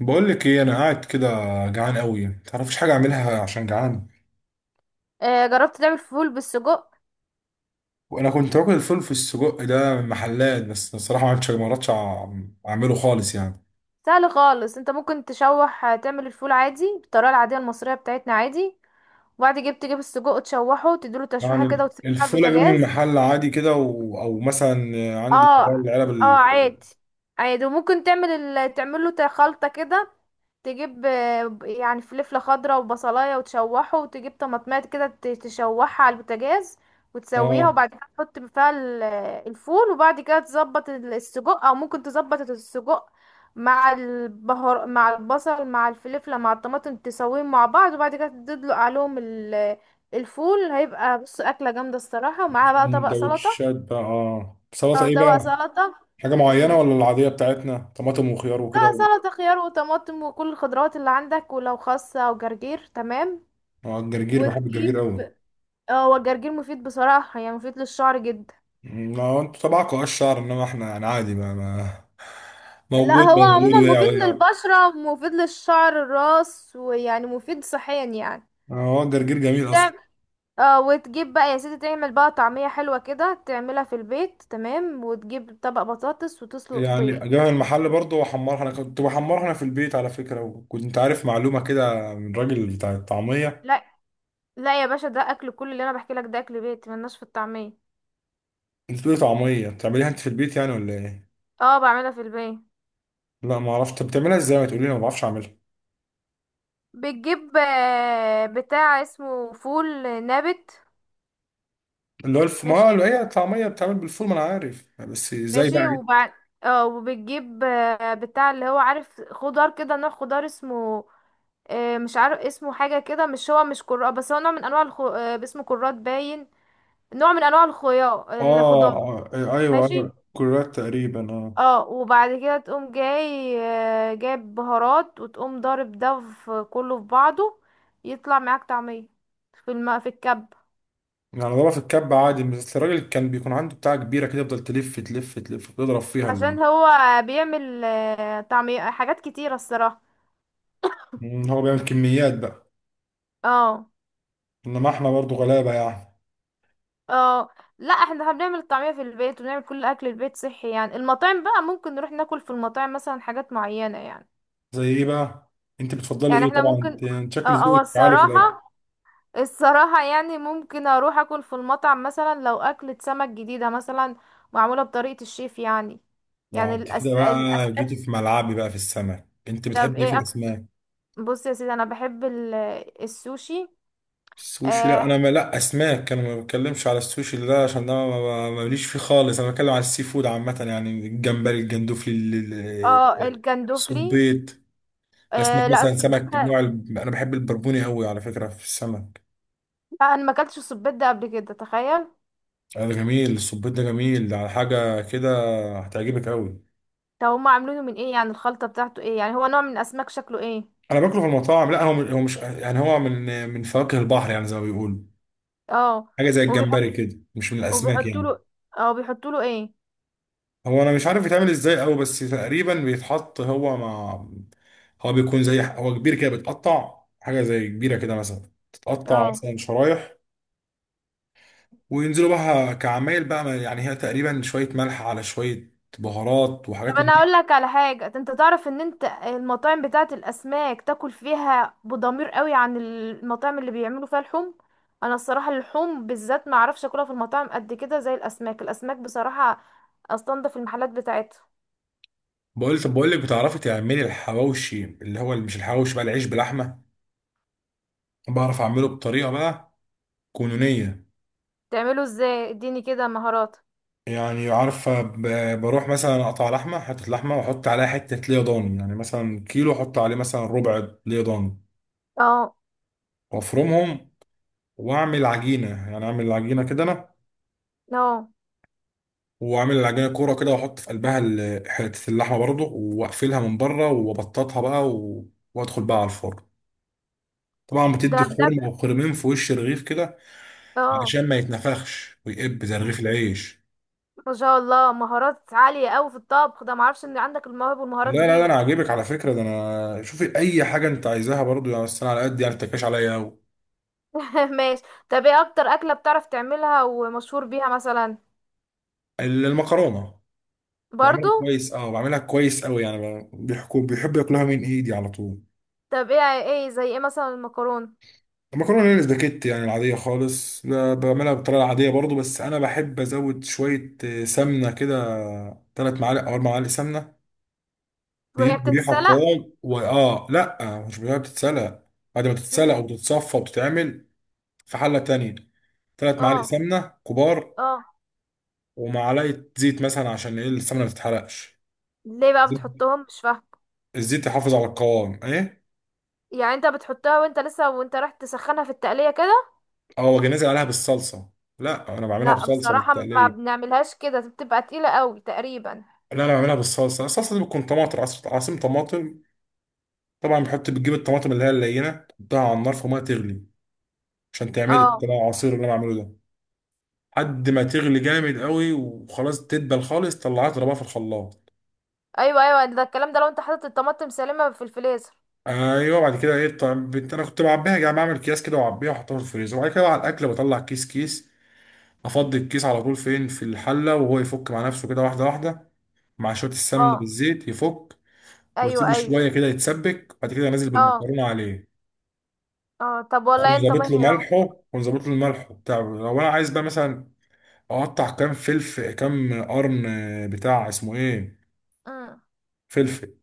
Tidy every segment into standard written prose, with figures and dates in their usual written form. بقول لك ايه، انا قاعد كده جعان قوي، ما تعرفش حاجه اعملها عشان جعان. جربت تعمل فول بالسجق. وانا كنت باكل الفول في السجق ده من محلات، بس الصراحه ما عرفتش ما عرفتش أع- اعمله خالص يعني. سهل خالص، انت ممكن تشوح، تعمل الفول عادي بالطريقه العاديه المصريه بتاعتنا عادي، وبعد كده تجيب السجق تشوحه، تديله تشويحه كده يعني وتسيبه على الفول اجيبه من البوتاجاز. المحل عادي كده او مثلا عندي اه. اللي هو العلب اه عادي. عادي، وممكن تعمل تعمل له خلطة كده. تجيب يعني فلفلة خضراء وبصلاية وتشوحه، وتجيب طماطمات كده تشوحها على البوتاجاز وتسويها، اه وبعد كده تحط فيها الفول، وبعد كده تظبط السجق، او ممكن تظبط السجق مع البهار مع البصل مع الفلفلة مع الطماطم، تسويهم مع بعض، وبعد كده تدلق عليهم الفول. هيبقى بص أكلة جامدة الصراحة، ومعاها بقى طبق سلطة. سندوتشات بقى، اه سلطه اه ايه طبق بقى؟ سلطة. حاجه معينه مم. ولا العاديه بتاعتنا طماطم وخيار لا، وكده سلطة خيار وطماطم وكل الخضروات اللي عندك، ولو خاصة او جرجير تمام. اه الجرجير، بحب الجرجير وتجيب، قوي. اه، هو الجرجير مفيد بصراحة، يعني مفيد للشعر جدا. يعني ما هو انتوا تبعكم اه الشعر، انما احنا يعني عادي ما لا، موجود هو موجود عموما وقع مفيد وقع. للبشرة، مفيد للشعر الراس، ويعني مفيد صحيا يعني. يعني هو الجرجير جميل اصلا. تعم- اه وتجيب بقى يا سيدي، تعمل بقى طعمية حلوة كده، تعملها في البيت تمام، وتجيب طبق بطاطس وتسلق يعني بيض. جبنة المحل برضه بحمرها، انا كنت بحمرها انا في البيت على فكره، وكنت عارف معلومه كده من راجل بتاع الطعميه. لا لا يا باشا، ده اكل، كل اللي انا بحكي لك ده اكل بيت، ملناش في الطعمية. انت بتقولي طعميه بتعمليها انت في البيت يعني ولا ايه؟ اه بعملها في البيت. لا ما اعرفش، طب بتعملها ازاي؟ ما تقولي لي، أنا ما بعرفش اعملها. بتجيب بتاع اسمه فول نابت. اللي هو ما ماشي. هو هي الطعميه بتعمل بالفول ما انا عارف، بس ازاي بقى ماشي ايه؟ وبعد، اه، وبتجيب بتاع اللي هو عارف خضار كده، نوع خضار اسمه، مش عارف اسمه حاجة كده، مش هو مش كرات، بس هو نوع من انواع الخ... آه، اسمه كرات باين، نوع من انواع الخيار اه، الخضار. ايوه ايوه، ماشي. كرات تقريبا اه. اه، وبعد كده تقوم جاي جايب بهارات، وتقوم ضارب ده في كله في بعضه، يطلع معاك طعمية في في الكب. يعني ضربها في الكب عادي، بس الراجل كان بيكون عنده بتاعة كبيرة كده يفضل تلف تلف تلف يضرب فيها عشان هو بيعمل طعمية حاجات كتيرة الصراحة. إن هو بيعمل كميات بقى. اه. انما احنا برضو غلابة يعني. اه. لا، احنا بنعمل الطعمية في البيت، وبنعمل كل اكل البيت صحي يعني. المطاعم بقى ممكن نروح ناكل في المطاعم مثلا حاجات معينة يعني. زي ايه بقى؟ انت بتفضلي يعني ايه احنا طبعا؟ انت ممكن، يعني اه، شكل ذوقك عالي في الاكل. الصراحة، الصراحة يعني ممكن اروح اكل في المطعم مثلا لو اكلة سمك جديدة مثلا، معمولة بطريقة الشيف يعني. اه يعني انت كده بقى جيتي في ملعبي بقى في السمك، انت طب بتحبي ايه في الاسماك؟ بص يا سيدي، انا بحب السوشي. السوشي؟ لا اه. انا ما، لا اسماك، انا ما بتكلمش على السوشي ده، عشان ده ماليش فيه خالص، انا بتكلم على السي فود عامة، يعني الجمبري، الجندوفلي، ال- ال- الجندوفلي. الصبيط. الاسماك آه لا، مثلا السبيت سمك ده، نوع انا بحب البربوني قوي على فكره في السمك. لا، انا ما اكلتش السبيت ده قبل كده، تخيل. ده جميل، الصبيط ده جميل على حاجه كده. هتعجبك قوي. طب هما عاملينه من ايه يعني؟ الخلطه بتاعته ايه يعني؟ هو نوع من الاسماك؟ شكله ايه؟ انا باكله في المطاعم، لا هو هو مش، يعني هو من فواكه البحر يعني زي ما بيقولوا. اه حاجه زي وبيحط، الجمبري كده، مش من الاسماك وبيحطوا يعني. له، اه بيحطوا له ايه؟ هو انا مش عارف يتعمل ازاي قوي، بس تقريبا بيتحط هو مع، هو بيكون زي، هو كبير كده بيتقطع حاجه زي كبيره كده مثلا، تتقطع اه مثلا شرايح. وينزلوا بقى كعمايل بقى يعني هي تقريبا شوية ملح على شوية بهارات طب وحاجات من انا دي. اقول لك على حاجه، انت تعرف ان انت المطاعم بتاعه الاسماك تاكل فيها بضمير قوي عن المطاعم اللي بيعملوا فيها لحوم. انا الصراحه اللحوم بالذات ما اعرفش اكلها في المطاعم قد كده زي الاسماك. الاسماك بصراحه استنضف المحلات بتاعتها. بقول طب بقول لك، بتعرفي تعملي الحواوشي؟ اللي هو مش الحواوشي بقى، العيش بلحمة. بعرف أعمله بطريقة بقى كونونية. تعمله ازاي؟ اديني كده مهارات. يعني عارفة بروح مثلا أقطع لحمة، حتة لحمة، وأحط عليها حتة ليا ضاني، يعني مثلا كيلو أحط عليه مثلا ربع ليا ضاني، اه. وأفرمهم. وأعمل عجينة، يعني أعمل عجينة كده أنا، اه. وعامل العجينه كوره كده، واحط في قلبها حته اللحمه برضه، واقفلها من بره، وابططها بقى وادخل بقى على الفرن. طبعا بتدي ده بجد. خرم او خرمين في وش الرغيف كده اه. علشان ما يتنفخش ويقب زي رغيف العيش. ما شاء الله، مهارات عالية قوي في الطبخ ده، معرفش ان عندك المواهب لا والمهارات لا لا دي. انا عاجبك على فكره ده، انا شوفي اي حاجه انت عايزاها برضه يعني، بس انا على قد يعني ما تكاش عليا قوي. ماشي. طب ايه اكتر اكلة بتعرف تعملها ومشهور بيها مثلا؟ المكرونه. برضو؟ بعملها كويس اه، بعملها كويس قوي يعني، بيحكوا بيحب ياكلها من ايدي على طول. طب ايه، ايه زي ايه مثلا المكرونة؟ المكرونه الاسباجيتي يعني العاديه خالص، لا بعملها بالطريقه العاديه برضو، بس انا بحب ازود شويه سمنه كده، 3 معالق او 4 معالق سمنه. وهي بيدوا ريحه بتتسلق؟ قوام، واه لا مش بيها بتتسلق. بعد ما تتسلق امم. وتتصفى وتتعمل في حله تانية، 3 معالق اه. سمنه كبار اه. ومعلقه زيت مثلا، عشان ايه السمنه ما تتحرقش. ليه بقى زيت- بتحطهم؟ مش فاهمة. الزيت يحافظ على القوام ايه. يعني انت بتحطها وانت لسه، وانت رايح تسخنها في التقلية كده؟ اه واجي نازل عليها بالصلصه. لا انا بعملها لا بصلصه مش بصراحة ما تقليه، بنعملهاش كده، بتبقى تقيلة قوي تقريبا. لا انا بعملها بالصلصه. الصلصه دي بتكون طماطم عصير طماطم. طبعا بتجيب الطماطم اللي هي اللينه، تحطها على النار في ميه تغلي، عشان تعمل اه. العصير اللي انا بعمله ده، لحد ما تغلي جامد قوي وخلاص تدبل خالص، طلعها اضربها في الخلاط. ايوه ايوه، ده الكلام. ده لو انت حاطط الطماطم سالمة في الفريزر. ايوه، بعد كده ايه؟ طب انا كنت بعبيها، يعني بعمل اكياس كده واعبيها واحطها في الفريزر، وبعد كده على الاكل بطلع كيس كيس، افضي الكيس على طول فين في الحله، وهو يفك مع نفسه كده واحده واحده، مع شويه السمن اه. بالزيت يفك. ايوه واسيبه ايوه. شويه كده يتسبك، بعد كده انزل اه. بالمكرونه عليه. اه. طب والله اكون انت ظابط له ماهر ملحه اهو. اكون ظابط له الملح بتاع، لو انا عايز بقى مثلا اقطع كام فلفل، كام قرن بتاع اسمه ايه، مم. فلفل.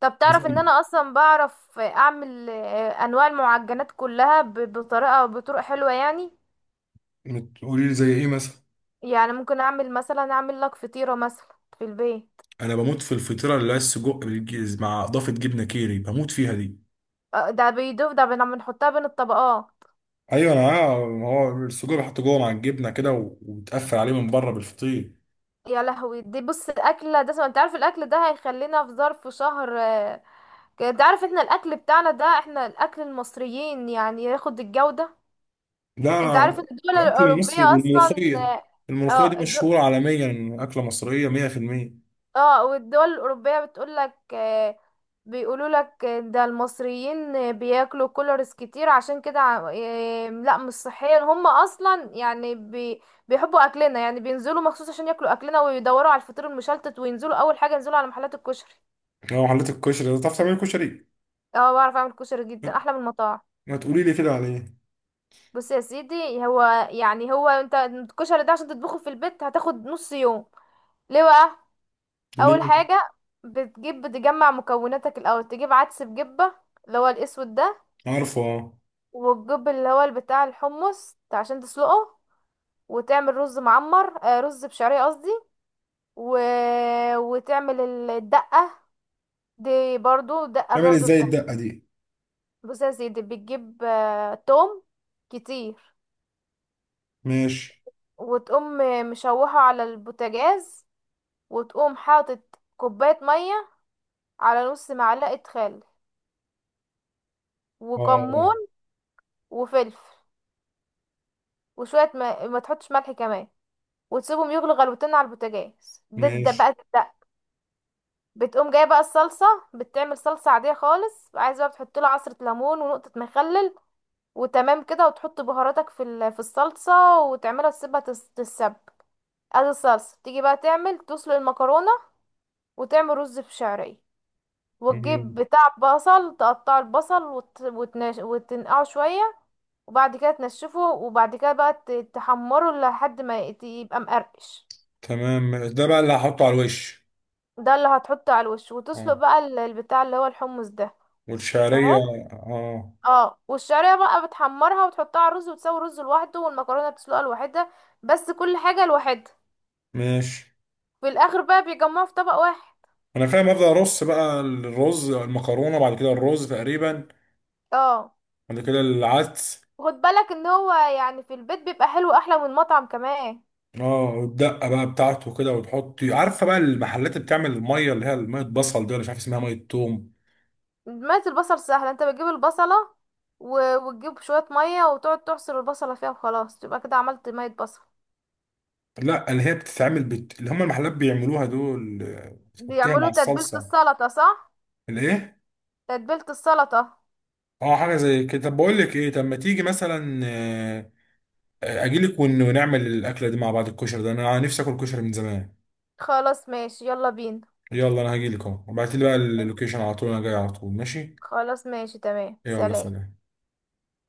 طب تعرف ان مثلا انا اصلا بعرف اعمل، انواع المعجنات كلها بطريقه، بطرق حلوه يعني. تقولي لي زي ايه مثلا؟ يعني ممكن اعمل مثلا، اعمل لك فطيره مثلا في البيت. انا بموت في الفطيره اللي هي السجق مع اضافه جبنه كيري، بموت فيها دي. ده بيدوب ده، بنحطها بين الطبقات. ايوه انا عارف، هو السجق بيحط جوه مع الجبنه كده وبتقفل عليه من بره بالفطير. يا لهوي، دي بص الاكله ده، انت عارف الاكل ده هيخلينا في ظرف شهر كده. انت عارف احنا الاكل بتاعنا ده، احنا الاكل المصريين يعني ياخد الجوده. لا انت عارف ان الدول الاكل المصري الاوروبيه اصلا، والملوخيه. الملوخيه دي اه الد- مشهوره عالميا إن اكله مصريه 100%. اه والدول الأوروبية بتقولك، بيقولولك، ده المصريين بياكلوا كولرز كتير عشان كده لا مش صحيا، هم أصلا يعني بي، بيحبوا أكلنا يعني، بينزلوا مخصوص عشان ياكلوا أكلنا، ويدوروا على الفطير المشلتت، وينزلوا أول حاجة ينزلوا على محلات الكشري. لو حليت الكشري ده، تعرف تعمل كشري؟ اه بعرف أعمل كشري جدا أحلى من المطاعم. ما تقولي لي كده عليه. بص يا سيدي، هو يعني، هو انت الكشري ده عشان تطبخه في البيت هتاخد نص يوم. ليه بقى؟ اول ليه؟ حاجه، بتجيب، بتجمع مكوناتك الاول. تجيب عدس بجبه، اللي هو الاسود ده، عارفه اه. والجب اللي هو بتاع الحمص عشان تسلقه، وتعمل رز معمر، آه رز بشعريه قصدي، و... وتعمل الدقه دي برضو. الدقه تعمل برضو ازاي بتعمل، الدقة دي؟ بص يا سيدي، بتجيب توم كتير، ماشي. وتقوم مشوحه على البوتاجاز، وتقوم حاطط كوبايه ميه على نص معلقه خل، وكمون، اه وفلفل، وشويه ما تحطش ملح كمان، وتسيبهم يغلوا غلوتين على البوتاجاز. ده ماشي. بقى ده. بتقوم جايه بقى الصلصه، بتعمل صلصه عاديه خالص، عايزه بقى بتحط له عصره ليمون ونقطه مخلل، وتمام كده، وتحط بهاراتك في في الصلصه، وتعملها تسيبها تتسبك. ادي الصلصه، تيجي بقى تعمل تسلق المكرونه، وتعمل رز في شعريه، وتجيب مم. بتاع بصل، تقطع البصل وتنقعه شويه، وبعد كده تنشفه، وبعد كده بقى تحمره لحد ما يبقى مقرقش. تمام ماشي. ده بقى اللي هحطه على الوش. ده اللي هتحطه على الوش، وتسلق اه بقى البتاع اللي هو الحمص ده. والشعرية. تمام. اه اه، والشعريه بقى بتحمرها وتحطها على الرز، وتسوي الرز لوحده، والمكرونه بتسلقها لوحدها، بس كل حاجه لوحدها. ماشي. في الاخر بقى بيجمعوا في طبق واحد. انا فاهم، ابدا ارص بقى الرز المكرونة، بعد كده الرز تقريبا، اه. بعد كده العدس. خد بالك ان هو يعني في البيت بيبقى حلو احلى من المطعم كمان. اه والدقة بقى بتاعته كده وتحطي. عارفة بقى المحلات اللي بتعمل المية اللي هي مية بصل دي، ولا مش عارف اسمها، مية توم. ميه البصل سهله، انت بتجيب البصله، وتجيب شويه ميه، وتقعد تعصر البصله فيها، وخلاص تبقى كده عملت ميه بصل. لا اللي هي بتتعمل اللي هم المحلات بيعملوها دول بتحطيها مع بيعملوا تتبيله الصلصة. السلطه صح. الايه؟ تتبيله السلطه. اه حاجة زي كده. طب بقول لك ايه، طب ما تيجي مثلا، اجيلك ونعمل الاكلة دي مع بعض، الكشري ده انا نفسي اكل كشري من زمان. خلاص ماشي، يلا بينا. يلا انا هجيلك اهو، ابعتي لي بقى اللوكيشن على طول، انا جاي على طول ماشي. خلاص ماشي، تمام، يلا سلام. سلام.